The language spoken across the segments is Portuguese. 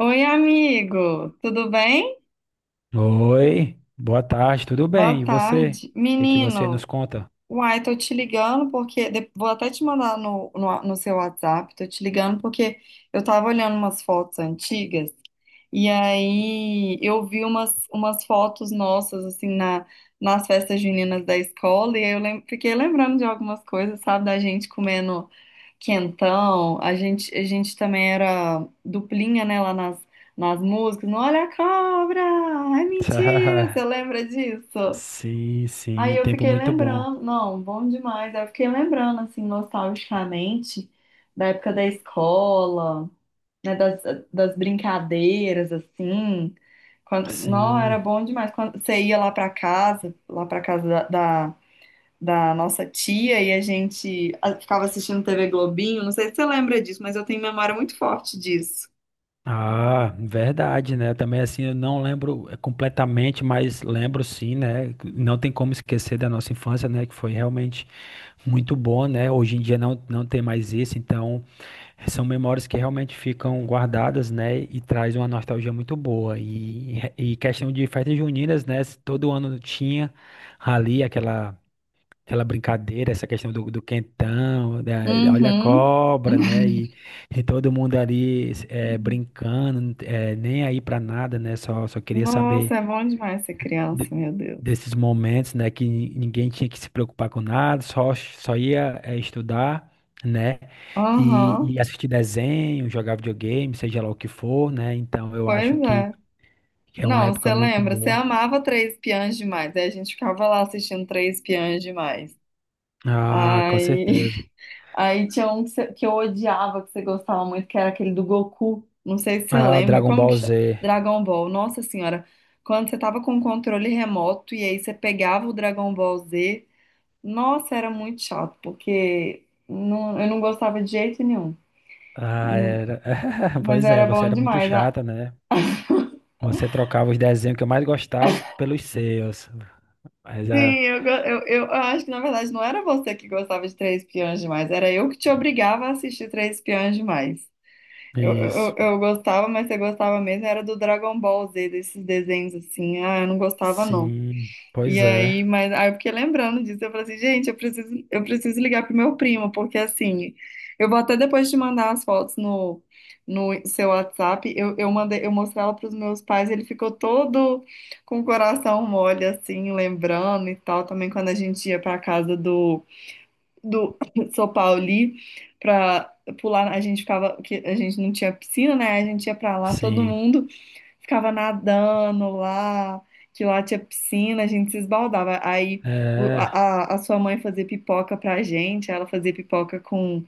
Oi, amigo, tudo bem? Oi, boa tarde, tudo Boa bem? E você? tarde. O que que você nos Menino, conta? uai, tô te ligando Vou até te mandar no seu WhatsApp, tô te ligando porque eu tava olhando umas fotos antigas e aí eu vi umas fotos nossas, assim, nas festas juninas da escola e aí eu fiquei lembrando de algumas coisas, sabe, da gente comendo. Quentão, a gente também era duplinha, né, lá nas músicas. No olha a cobra! É mentira! Você lembra disso? Sim, Aí sim, eu tempo fiquei muito bom. lembrando, não, bom demais. Aí eu fiquei lembrando, assim, nostalgicamente, da época da escola, né, das brincadeiras, assim. Quando, não, Sim. era bom demais. Quando você ia lá pra casa da nossa tia e a gente ficava assistindo TV Globinho. Não sei se você lembra disso, mas eu tenho memória muito forte disso. Ah, verdade, né? Também assim, eu não lembro completamente, mas lembro, sim, né? Não tem como esquecer da nossa infância, né? Que foi realmente muito bom, né? Hoje em dia não tem mais isso, então. É. São memórias que realmente ficam guardadas, né? E traz uma nostalgia muito boa. E questão de festas juninas, né? Todo ano tinha ali aquela brincadeira, essa questão do, do quentão, olha a Uhum. cobra, né? E todo mundo ali brincando, nem aí pra nada, né? Só, só queria saber Nossa, é bom demais ser criança, de- meu Deus. desses momentos, né, que ninguém tinha que se preocupar com nada, só, só ia estudar, né, Aham, e assistir desenho, jogar videogame, seja lá o que for, né, então eu acho pois que é. é uma Não, você época muito lembra? Você boa. amava Três Espiãs Demais. Aí a gente ficava lá assistindo Três Espiãs Demais. Ah, com Ai. certeza. Aí tinha um que, que eu odiava, que você gostava muito, que era aquele do Goku. Não sei se você Ah, o lembra. Dragon Como que Ball chama? Z. Dragon Ball. Nossa Senhora. Quando você tava com o controle remoto e aí você pegava o Dragon Ball Z. Nossa, era muito chato, porque não, eu não gostava de jeito nenhum. Ah, Hum, era. Mas Pois é, era você bom era muito demais. Ah, chata, né? Você trocava os desenhos que eu mais gostava pelos seus. Mas sim, é. eu, go- eu acho que na verdade não era você que gostava de Três Espiãs Demais. Era eu que te obrigava a assistir Três Espiãs Demais. Eu, eu, Isso. eu gostava, mas você gostava mesmo, era do Dragon Ball Z, desses desenhos assim. Ah, eu não gostava, não. Sim. E Pois é. aí, mas aí eu fiquei lembrando disso, eu falei assim, gente, eu preciso ligar pro meu primo, porque assim, eu vou até depois te mandar as fotos no seu WhatsApp. Eu mandei, eu mostrei ela pros meus pais, ele ficou todo com o coração mole, assim, lembrando e tal, também quando a gente ia pra casa do São Paulo ali pra pular. A gente ficava, que a gente não tinha piscina, né? A gente ia pra lá, todo Sim. mundo ficava nadando lá, que lá tinha piscina, a gente se esbaldava. Aí o- a, É. a a sua mãe fazia pipoca pra gente, ela fazia pipoca com,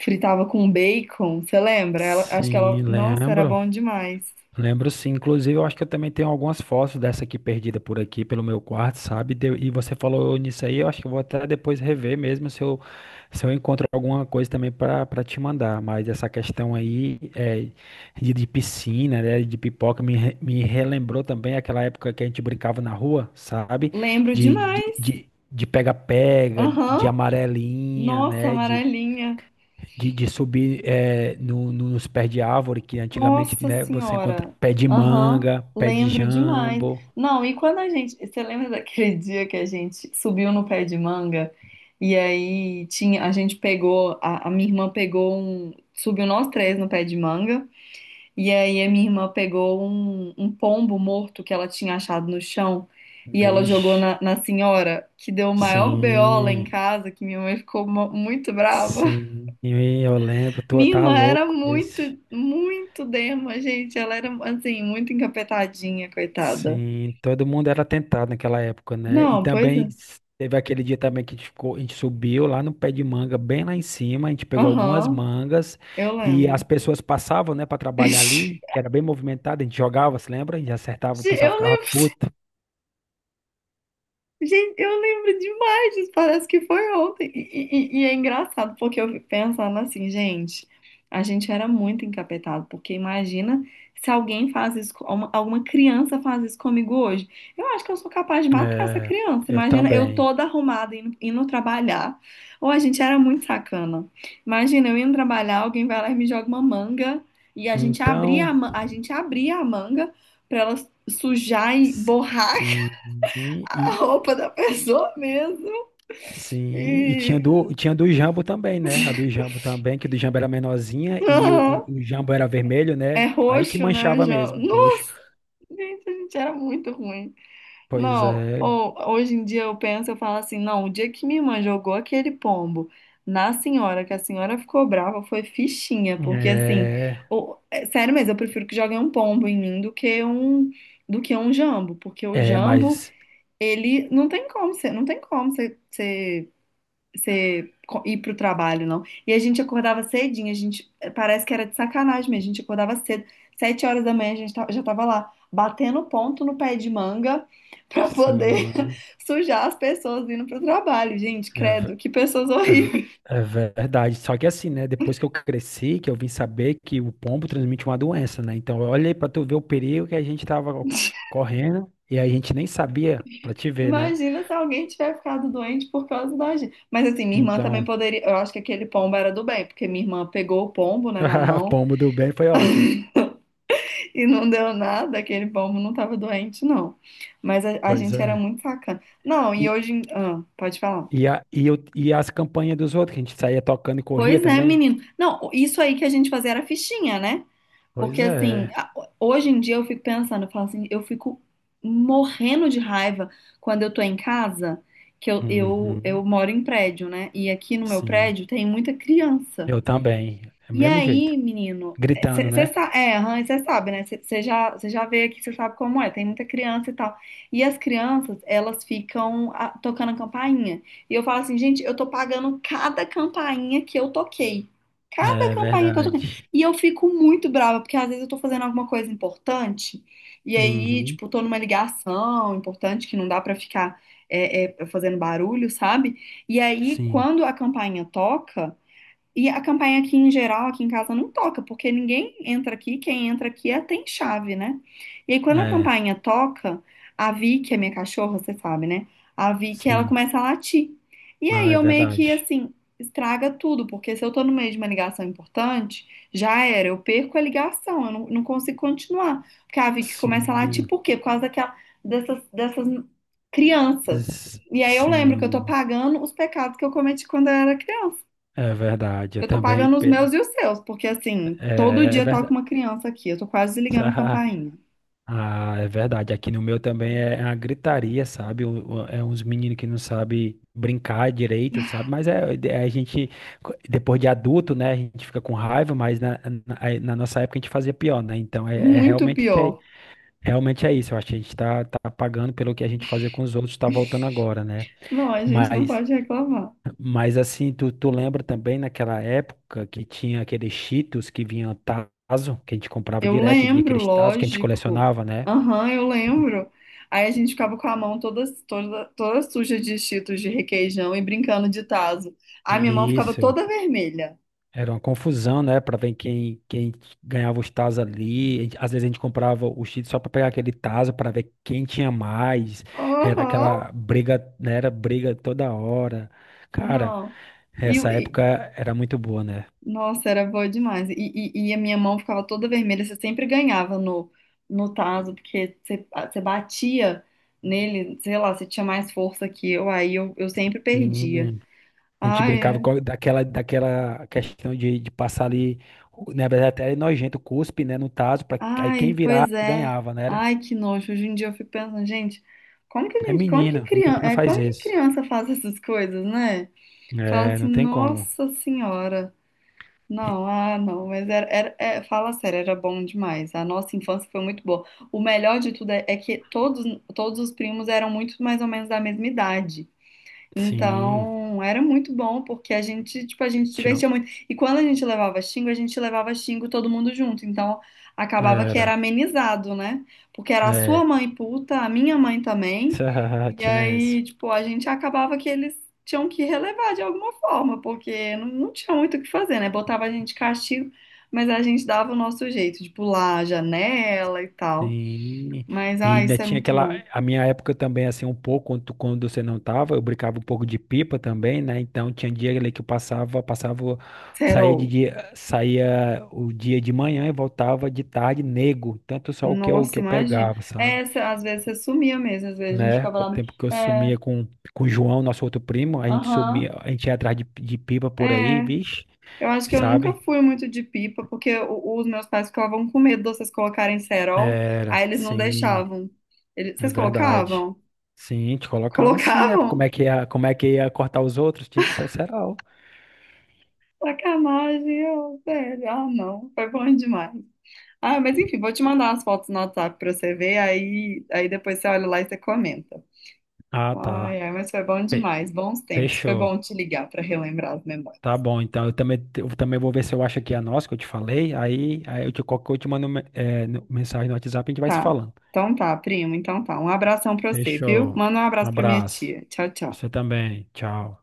fritava com bacon, você lembra? Ela, acho que ela, Sim, nossa, era lembro. bom demais. Lembro, sim. Inclusive, eu acho que eu também tenho algumas fotos dessa aqui perdida por aqui, pelo meu quarto, sabe? E você falou nisso aí, eu acho que eu vou até depois rever mesmo se eu encontro alguma coisa também para te mandar. Mas essa questão aí é, de piscina, né? De pipoca, me relembrou também aquela época que a gente brincava na rua, sabe? Lembro De, demais. De pega-pega, de Aham. amarelinha, Nossa, né? amarelinha. De subir no, nos pés de árvore, que antigamente, Nossa né, você encontra Senhora! pé de Aham, manga, pé de lembro demais. jambo. Não, e quando a gente. Você lembra daquele dia que a gente subiu no pé de manga e aí tinha, a gente pegou, a minha irmã pegou um. Subiu nós três no pé de manga e aí a minha irmã pegou um pombo morto que ela tinha achado no chão e ela jogou Vixe, na senhora, que deu o maior BO lá em sim, casa, que minha mãe ficou muito brava. sim, eu lembro, tu Minha tá irmã era louco esse. muito dema, gente. Ela era, assim, muito encapetadinha, coitada. Sim, todo mundo era tentado naquela época, né? E Não, pois também é. Teve aquele dia também que a gente ficou, a gente subiu lá no pé de manga, bem lá em cima, a gente pegou algumas Aham, mangas eu e as lembro. pessoas passavam, né, para trabalhar ali, que era bem movimentado, a gente jogava, se lembra? E acertava, o pessoal Eu ficava puto. gente, eu lembro demais disso, parece que foi ontem. E é engraçado, porque eu fico pensando assim, gente, a gente era muito encapetado, porque imagina se alguém faz isso, alguma criança faz isso comigo hoje. Eu acho que eu sou capaz de matar essa É, criança. eu Imagina eu também. toda arrumada indo trabalhar. Ou a gente era muito sacana. Imagina eu indo trabalhar, alguém vai lá e me joga uma manga, e a gente abria Então, a manga pra ela sujar e borrar sim, a e roupa da pessoa mesmo. sim, E e tinha do Jambo também, né? A do Jambo também, que o do Jambo era menorzinha e aham, o Jambo era vermelho, é né? Aí que roxo, né? O manchava João. mesmo, roxo. Nossa, gente, a gente era muito ruim. Pois Não, é, ou, hoje em dia eu penso, eu falo assim, não, o dia que minha irmã jogou aquele pombo na senhora, que a senhora ficou brava, foi fichinha, porque assim, é, é sério mesmo, eu prefiro que joguem um pombo em mim do que um jambo, porque o é, jambo, mas ele não tem como, você não tem como ir pro trabalho, não. E a gente acordava cedinho, a gente parece que era de sacanagem, mas a gente acordava cedo, 7 horas da manhã a gente já tava lá batendo ponto no pé de manga pra poder sim, sujar as pessoas indo pro trabalho, gente, é. credo, que pessoas É ve- horríveis. É verdade. Só que assim, né? Depois que eu cresci, que eu vim saber que o pombo transmite uma doença, né? Então, olha aí pra tu ver o perigo que a gente tava correndo e a gente nem sabia pra te ver, né? Imagina se alguém tiver ficado doente por causa da gente. Mas assim, minha irmã também Então, poderia. Eu acho que aquele pombo era do bem, porque minha irmã pegou o pombo, né, na mão. pombo do bem foi ótimo. E não deu nada, aquele pombo não tava doente, não. Mas a Pois gente era é. muito sacana. Não, e E, ah, pode falar. E as campanhas dos outros, que a gente saía tocando e corria Pois é, também? menino. Não, isso aí que a gente fazia era fichinha, né? Porque Pois assim, é. Hoje em dia eu fico pensando, eu falo assim, eu fico morrendo de raiva quando eu tô em casa, que eu Uhum. moro em prédio, né? E aqui no meu Sim. prédio tem muita criança. Eu também. É o E mesmo aí, jeito. menino, Gritando, você né? sabe, é, Rãs, você sabe, né? Você já, cê já veio aqui, você sabe como é, tem muita criança e tal. E as crianças, elas ficam ah, tocando a campainha. E eu falo assim, gente, eu tô pagando cada campainha que eu toquei. Cada É campainha que eu toquei. verdade. E eu fico muito brava, porque às vezes eu tô fazendo alguma coisa importante, e aí, Uhum. tipo, tô numa ligação importante que não dá pra ficar fazendo barulho, sabe? E aí, Sim. quando a campainha toca. E a campanha aqui em geral, aqui em casa, não toca, porque ninguém entra aqui, quem entra aqui é, tem chave, né? E aí quando a É. campainha toca, a Vicky, a minha cachorra, você sabe, né? A Vicky, ela Sim. começa a latir. E aí Ah, é eu meio que, verdade. assim, estraga tudo, porque se eu tô no meio de uma ligação importante, já era, eu perco a ligação, eu não, não consigo continuar. Porque a Vicky começa a Sim, latir, por quê? Por causa daquela, dessas crianças. s- E aí eu lembro que eu tô sim, pagando os pecados que eu cometi quando eu era criança. é verdade. Eu Eu tô também pagando os meus e os seus, porque assim, todo é, é dia toca verdade. uma criança aqui. Eu tô quase ligando a campainha. Ah, é verdade. Aqui no meu também é a gritaria, sabe? É uns meninos que não sabem brincar direito, sabe? Mas é, é, é, a gente, depois de adulto, né? A gente fica com raiva, mas aí na nossa época a gente fazia pior, né? Então é, é Muito realmente é, pior. realmente é isso. Eu acho que a gente tá, tá pagando pelo que a gente fazia com os outros, tá voltando agora, né? Não, a gente não Mas pode reclamar. Mas assim, tu, tu lembra também naquela época que tinha aqueles Cheetos que vinha tazo, que a gente comprava Eu direto e vinha lembro, aqueles tazo que a gente lógico. colecionava, né? Aham, eu lembro. Aí a gente ficava com a mão toda suja de Cheetos de requeijão e brincando de tazo. A E minha mão ficava isso, toda vermelha. era uma confusão, né? Pra ver quem, quem ganhava os tazos ali. Às vezes a gente comprava o Cheetos só pra pegar aquele tazo pra ver quem tinha mais. Era Aham, aquela briga, né? Era briga toda hora. Cara, não. essa E época era muito boa, né? nossa, era boa demais. E a minha mão ficava toda vermelha. Você sempre ganhava no tazo, porque você, ah, você batia nele, sei lá, você tinha mais força que eu, eu sempre perdia. A gente Ai, brincava é. com daquela, daquela questão de passar ali, na verdade até era nojento, cuspe, né, no tazo, pra, aí quem Ai, virar pois é. ganhava, né? Era? Ai, que nojo. Hoje em dia eu fico pensando, gente, como que a É, gente, como que menino, criança, menino é, faz como que isso. criança faz essas coisas, né? Fala É, assim, não tem como. nossa senhora. E- Não, ah, não, mas é, fala sério, era bom demais. A nossa infância foi muito boa. O melhor de tudo é que todos, todos os primos eram muito mais ou menos da mesma idade. sim, Então, era muito bom, porque a gente, tipo, a que gente se tinha, divertia muito. E quando a gente levava xingo, a gente levava xingo todo mundo junto. Então, acabava que era era, amenizado, né? Porque era a sua é, mãe puta, a minha mãe também. E tinha isso. aí, tipo, a gente acabava que eles tinham que relevar de alguma forma, porque não, não tinha muito o que fazer, né? Botava a gente de castigo, mas a gente dava o nosso jeito de pular a janela e tal. Sim, Mas, e ah, ainda isso é tinha muito aquela, bom. a minha época também, assim, um pouco, quando, quando você não tava, eu brincava um pouco de pipa também, né, então tinha dia ali que eu passava, passava, saía de Serol. dia, saía o dia de manhã e voltava de tarde nego, tanto só o que Nossa, eu imagina. pegava, sabe, É, às vezes você sumia mesmo, às vezes a gente né, ficava com o lá. tempo que eu É, sumia com o João, nosso outro primo, a gente aham, sumia, a gente ia atrás de pipa por aí, é. bicho, Eu acho que eu nunca sabe, fui muito de pipa, porque os meus pais ficavam com medo de vocês colocarem cerol, era, aí eles não sim. deixavam. Eles, É vocês verdade. colocavam? Sim, te colocava assim, né? Como Colocavam? é que ia, como é que ia cortar os outros? Tinha que ter o cerol. Sacanagem, eu, sério? Ah, não, foi bom demais. Ah, mas enfim, vou te mandar as fotos no WhatsApp pra você ver, aí depois você olha lá e você comenta. Ah, tá. Ai, mas foi bom Fe- demais, bons tempos. Foi Fechou. bom te ligar pra relembrar as memórias. Tá bom, então eu também vou ver se eu acho aqui a nossa que eu te falei. Aí, aí eu te, qualquer coisa eu te mando mensagem no WhatsApp e a gente vai se Tá. falando. Então tá, primo. Então tá. Um abração pra você, viu? Fechou. Manda um Um abraço pra minha abraço. tia. Tchau, Você tchau. também. Tchau.